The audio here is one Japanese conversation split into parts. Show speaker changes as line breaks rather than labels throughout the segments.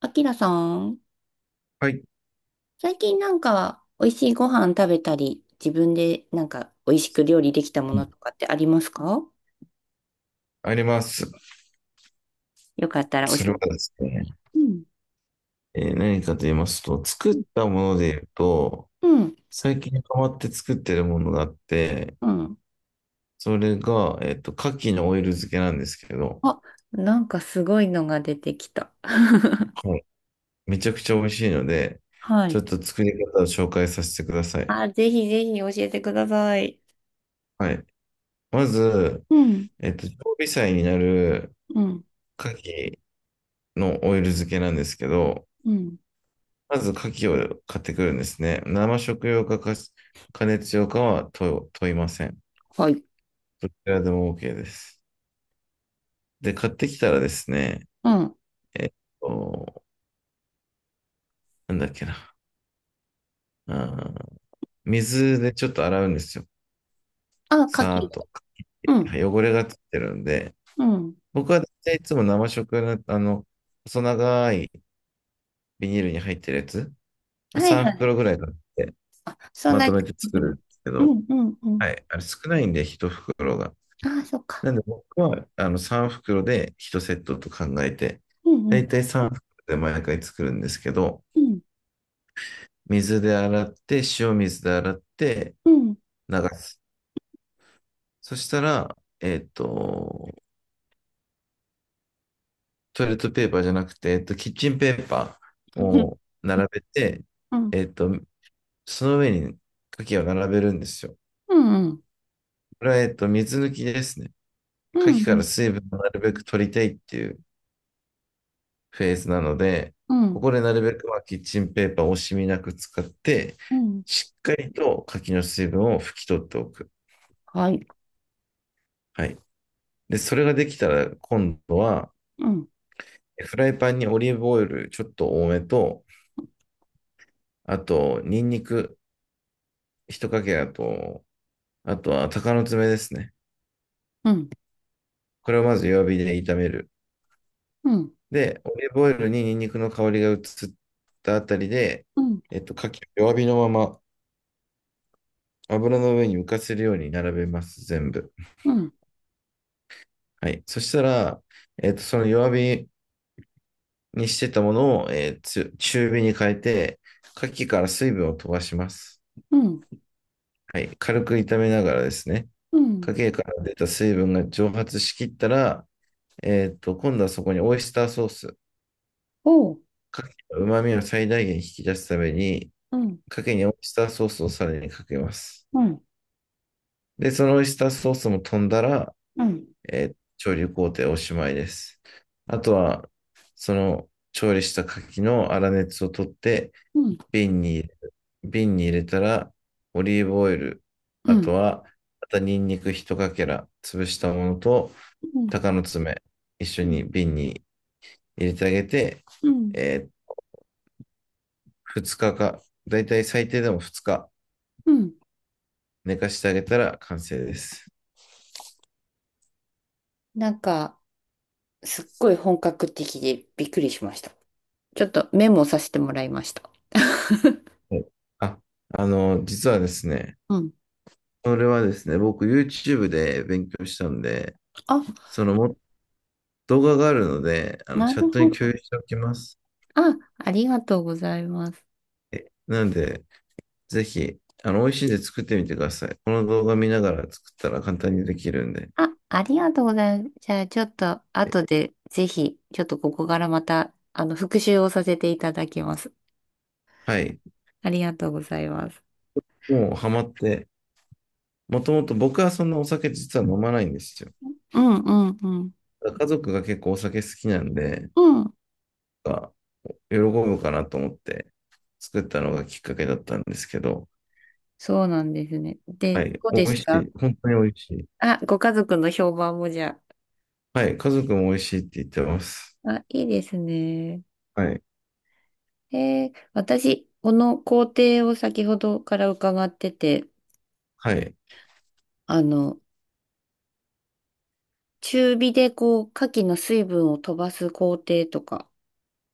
あきらさん、
はい、
最近なんか美味しいご飯食べたり、自分でなんか美味しく料理できたものとかってありますか？
あります。
よかったら教
それは
えて。
ですね、
うん。
何かと言いますと、作
う
っ
ん。
たもので言うと、
うん。
最近変わって作ってるものがあって、
うん。
それが、牡蠣のオイル漬けなんですけど、
あ、なんかすごいのが出てきた。
はい、めちゃくちゃ美味しいので、
は
ちょ
い。
っと作り方を紹介させてください。
あ、ぜひぜひ教えてください。
はい。まず、
うん。
常備菜になる
うん。
牡蠣のオイル漬けなんですけど、
うん。
まず牡蠣を買ってくるんですね。生食用か、加熱用かは問いません。
はい。
どちらでも OK です。で、買ってきたらですね、
うん。
えっと、なんだっけな。あー水でちょっと洗うんですよ。
あ、牡
さー
蠣。
っと。
うん。
汚れがついてるんで、
うん。
僕は大体いつも生食用の、細長いビニールに入ってるやつ、まあ
はい
3
はい。
袋ぐらい買って、
そん
ま
なに
とめ
か
て
けて
作
く
るん
る。
ですけ
う
ど、
んうんうん。
はい、あれ少ないんで、1袋が。
ああ、そっか。
なんで僕はあの3袋で1セットと考えて、
うん
だ
うん
いたい3袋で毎回作るんですけど、
うん
水で洗って、塩水で洗って
うん。
流す。そしたら、トイレットペーパーじゃなくて、キッチンペーパーを 並べて、
うん。
えっと、その上に牡蠣を並べるんですよ。
うんうん、
これは、水抜きですね。牡
う
蠣から
ん、
水分をなるべく取りたいっていうフェーズなので、
うん、う
こ
ん、
こでなるべくまあキッチンペーパーを惜しみなく使って、
うん。
しっかりと柿の水分を拭き取っておく。
はい、
はい。で、それができたら今度は、
うん、
フライパンにオリーブオイルちょっと多めと、あと、ニンニク一かけだと、あとは鷹の爪ですね。
うん、
これをまず弱火で炒める。
うん、
で、オリーブオイルにニンニクの香りが移ったあたりで、
うん、
牡蠣を弱火のまま油の上に浮かせるように並べます、全部。
うん、
はい。そしたら、その弱火にしてたものを、えーつ中火に変えて、牡蠣から水分を飛ばします。
うん、
はい。軽く炒めながらですね、
うん、
牡蠣から出た水分が蒸発しきったら、今度はそこにオイスターソース、
おう、
牡蠣の旨味を最大限引き出すために、
うん、
牡蠣にオイスターソースをさらにかけます。
うん、
で、そのオイスターソースも飛んだら、
うん、
調理工程おしまいです。あとは、その調理した牡蠣の粗熱を取って、
うん、
瓶に入瓶に入れたら、オリーブオイル、
う
あ
ん、う
と
ん、
は、またニンニク一かけら、潰したものと、鷹の爪、一緒に瓶に入れてあげて、
うん、
え2日かか、だいたい最低でも2日
うん。
寝かしてあげたら完成です。
なんか、すっごい本格的でびっくりしました。ちょっとメモさせてもらいました。
はい。あ、実はですね、
うん。
それはですね、僕 YouTube で勉強したんで、
あ、
そのも動画があるので、あの
な
チャッ
る
ト
ほ
に共
ど。
有しておきます。
あ、ありがとうございます。
なんで、ぜひ、美味しいんで作ってみてください。この動画見ながら作ったら簡単にできるんで。
あ、ありがとうございます。じゃあ、ちょっと、
え
後で、ぜひ、ちょっとここからまた、あの、復習をさせていただきます。
はい。
ありがとうございます。
もうハマって、もともと僕はそんなお酒実は飲まないんですよ。
うんうんうん。
家族が結構お酒好きなんで、
うん。
あ喜ぶかなと思って作ったのがきっかけだったんですけど、
そうなんですね。で、
はい。
どう
美
で
味
す
し
か？
い。本当に美味しい。
あ、ご家族の評判もじゃ
はい。家族も美味しいって言ってます。
あ。あ、いいですね。
はい。
私、この工程を先ほどから伺ってて、
はい。
あの、中火でこう、牡蠣の水分を飛ばす工程とか、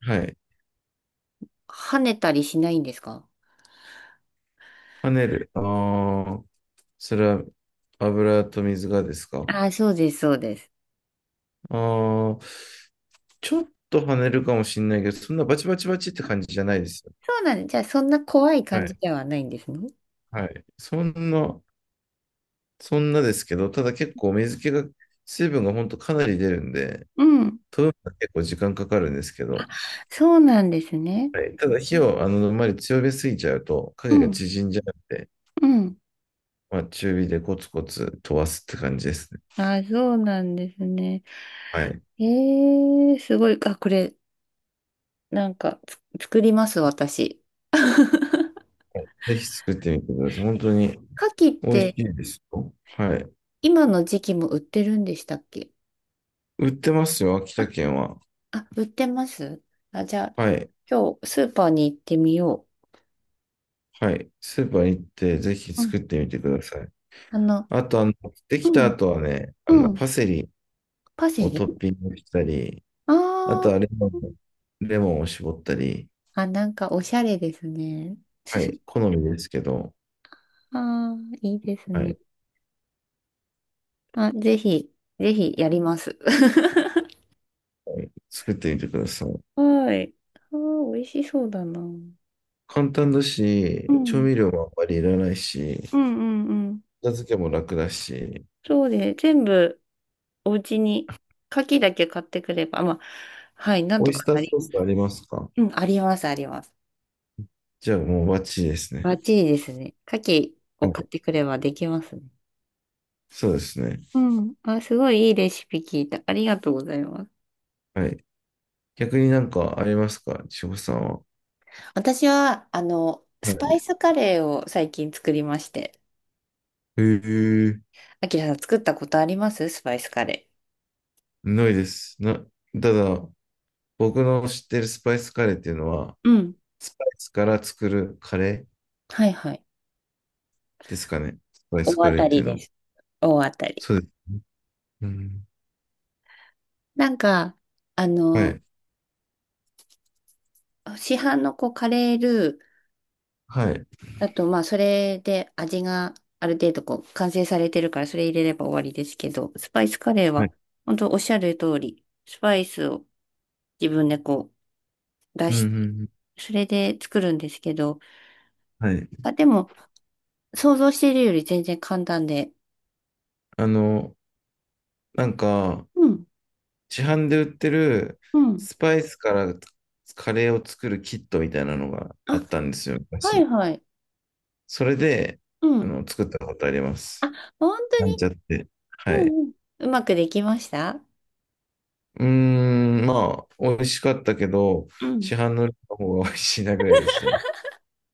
はい。
跳ねたりしないんですか？
跳ねる。ああ、それは油と水がですか？
あ、そうです、そうです。
ああ、ちょっと跳ねるかもしれないけど、そんなバチバチバチって感じじゃないですよ。
そうなんです。じゃあ、そんな怖い
は
感じ
い。
ではないんですね。
はい。そんなですけど、ただ結構水気が、水分が本当かなり出るんで、
うん、
飛ぶのが結構時間かかるんですけ
あ、
ど、
そうなんですね。
はい。ただ火をあまり強めすぎちゃうと、
う
影が
ん、
縮んじゃうんで、
うん。
まあ中火でコツコツ飛ばすって感じですね。
あ、そうなんですね。
はい。
えー、すごい。あ、これ、なんか、作ります、私。
ぜひ作ってみてください。本当に
牡蠣っ
美味し
て、
いですよ。はい。
今の時期も売ってるんでしたっけ？
売ってますよ、秋田
あ、
県は。
あ、売ってます？あ、じゃあ、ち
はい。
ょ今日、スーパーに行ってみよ
はい。スーパー行って、ぜひ
う。うん、
作ってみてください。
あの、
あと、でき
う
た
ん、
後はね、
うん。
パセリ
パセ
を
リ。
トッピングしたり、
あ
あ
あ
とは
ー。
レモンを絞ったり、
あ、なんか、おしゃれですね。
はい。好みですけど、
ああ、いいです
は
ね。
い。
あ、ぜひ、ぜひやります。
はい、作ってみてください。
はい。あー、美味しそうだな。うん。
簡単だ
う
し、調
ん
味料もあんまりいらないし、
うんうん。
片付けも楽だし、
そうで、全部お家に、牡蠣だけ買ってくれば、まあ、はい、なん
オ
と
イス
か
ター
なり、
ソースありますか？
うん、あります、あります。
じゃあもうバッチリです
バ
ね。
ッチリですね。牡蠣
は
を買っ
い。
てくればできますね。
そうですね。
うん。あ、すごいいいレシピ聞いた。ありがとうございます。
はい。逆になんかありますか？千穂さんは。
私は、あの、
は
スパイ
い。
スカレーを最近作りまして。
へえ、
あきらさん作ったことあります？スパイスカレ。
ないです。ただ、僕の知ってるスパイスカレーっていうのは、
うん。
スパイスから作るカレー
はいはい。
ですかね。スパイ
ー。
ス
大
カ
当
レー
た
って
り
いうの
で
は。
す。大当たり。
そうです。うん。
なんか、あ
は
の、
い。
市販のこうカレールー
はい。
だと、まあ、それで味がある程度こう完成されてるから、それ入れれば終わりですけど、スパイスカレー
は
は、
い。
本当おっしゃる通り、スパイスを自分でこう出
うんうん
し
う
て、
ん。
それで作るんですけど、
はい。
あ、でも、想像しているより全然簡単で、
あの、なんか、
うん。
市販で売ってる
うん。
スパイスからカレーを作るキットみたいなのが
あ、
あったんですよ、
はい
昔。
はい。
それで、
うん。
作ったことありま
あ、
す。
本当
なん
に。
ちゃって。は
う
い。
んうん。うまくできました？
うーん、まあ、美味しかったけど、
うん。
市販の方が美味しいなぐらいでしたね。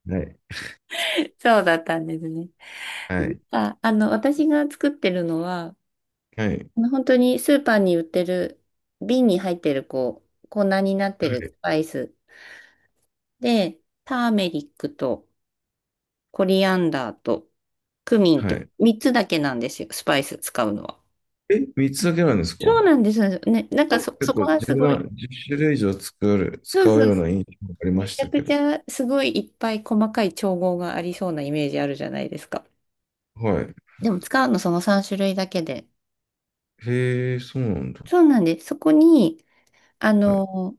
はい。
そうだったんですね。
はい。
あ、あの、私が作ってるのは、
はい。
あの本当にスーパーに売ってる、瓶に入ってる、こう、粉になって
は
るス
い。
パイスで、ターメリックとコリアンダーとクミンっ
は
て
い。
3つだけなんですよ、スパイス使うのは。
3つだけなんですか？
そうなんですよね。なんかそ、
結
そ
構
こがす
10
ご
な、
い。
1種類以上作る、
そう
使う
そう。
ような印象がありま
め
し
ちゃ
たけ
く
ど。
ちゃすごいいっぱい細かい調合がありそうなイメージあるじゃないですか。
はい。
でも使うのその3種類だけで。
へえ、そうなんだ。
そうなんです。そこに、あ
はい。
の、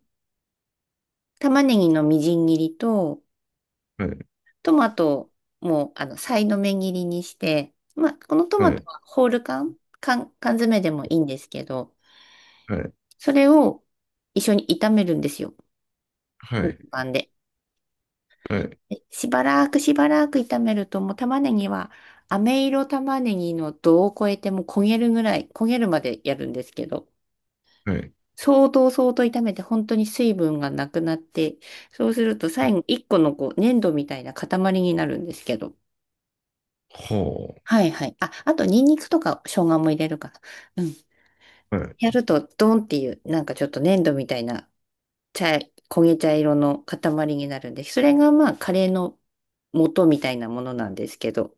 玉ねぎのみじん切りと、
はい。
トマトも、あの、さいの目切りにして、まあ、このトマ
は
ト
い。
はホール缶詰でもいいんですけど、
はい。
それを一緒に炒めるんですよ。
は
フライ
い。
パンで。
はい。
でしばらく炒めると、もう玉ねぎは、飴色玉ねぎの度を超えてもう焦げるぐらい、焦げるまでやるんですけど、
はい。
相当炒めて本当に水分がなくなって、そうすると最後一個のこう粘土みたいな塊になるんですけど。
は
はいはい。あ、あとニンニクとか生姜も入れるかな。うん。
あ。は
や
い。
るとドンっていうなんかちょっと粘土みたいな茶、焦げ茶色の塊になるんで、それがまあカレーの元みたいなものなんですけど。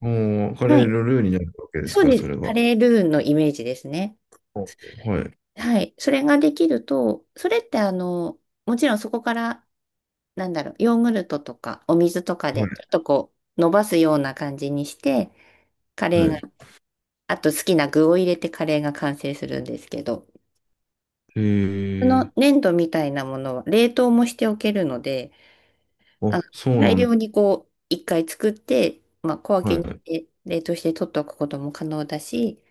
もう、カ
は
レー
い。
のルーになるわけです
そう
か、
で
そ
す。
れ
カ
が。
レールーのイメージですね。
はい。
はい。それができると、それってあの、もちろんそこからなんだろう、ヨーグルトとかお水とか
は
で、
い。
ちょっとこう、伸ばすような感じにして、カレ
は
ーが、
い。
あと好きな具を入れてカレーが完成するんですけど、
へ
そ
え。
の粘土みたいなものは冷凍もしておけるので、あ
あ、
の、
そう
大
なんだ。
量にこう、一回作って、まあ、小分
は
けにし
い。
て冷凍して取っておくことも可能だし、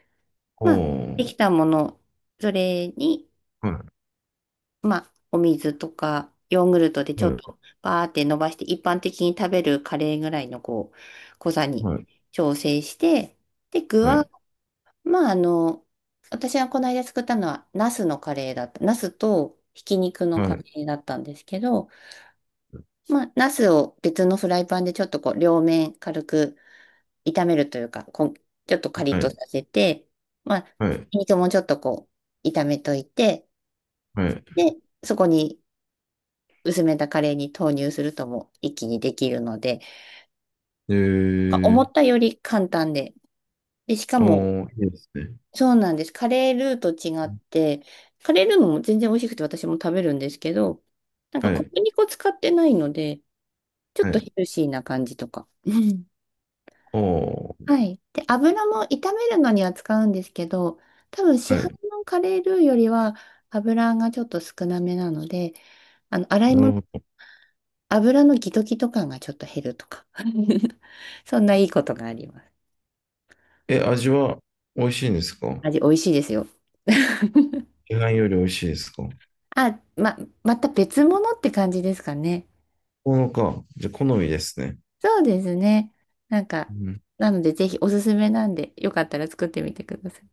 あ
まあ、で
あ。
きたもの、それに
は
まあ、お水とか、ヨーグルトでちょっ
い。
とバーって伸ばして、一般的に食べるカレーぐらいのこう、濃さに
はい。
調整して、で、具
は
は、
い。
まあ、あの、私がこの間作ったのは、ナスのカレーだった。ナスとひき肉の
は
カレ
い。
ーだったんですけど、まあ、ナスを別のフライパンでちょっとこう、両面軽く炒めるというか、ちょっとカリッ
はい。は
とさ
い。
せて、まあ、
は
ひ
い。
き肉もちょっとこう、炒めといて、
はい。
で、そこに薄めたカレーに投入するとも一気にできるので、
へ
なんか
え
思
ー。
ったより簡単で。で、しか
ああ、
も、
いいですね。
そうなんです。カレールーと違って、カレールーも全然美味しくて私も食べるんですけど、なんか
は
小
い。
麦粉使ってないので、ちょ
は
っと
い。
ヘルシーな感じとか。うん。
ああ。
はい。で、油も炒めるのには使うんですけど、多分市
は
販
い。
のカレールーよりは油がちょっと少なめなので、あの、洗い
なる
物
ほど。
油のギトギト感がちょっと減るとか。そんないいことがあります。
味は美味しいんですか？
味美味しいですよ。
市販より美味しいですかも
あ、ま、また別物って感じですかね。
のか。じゃあ、好みですね。
そうですね。なんか、
うん。
なのでぜひおすすめなんで、よかったら作ってみてください。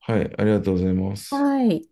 はい。ありがとうございます。
はい。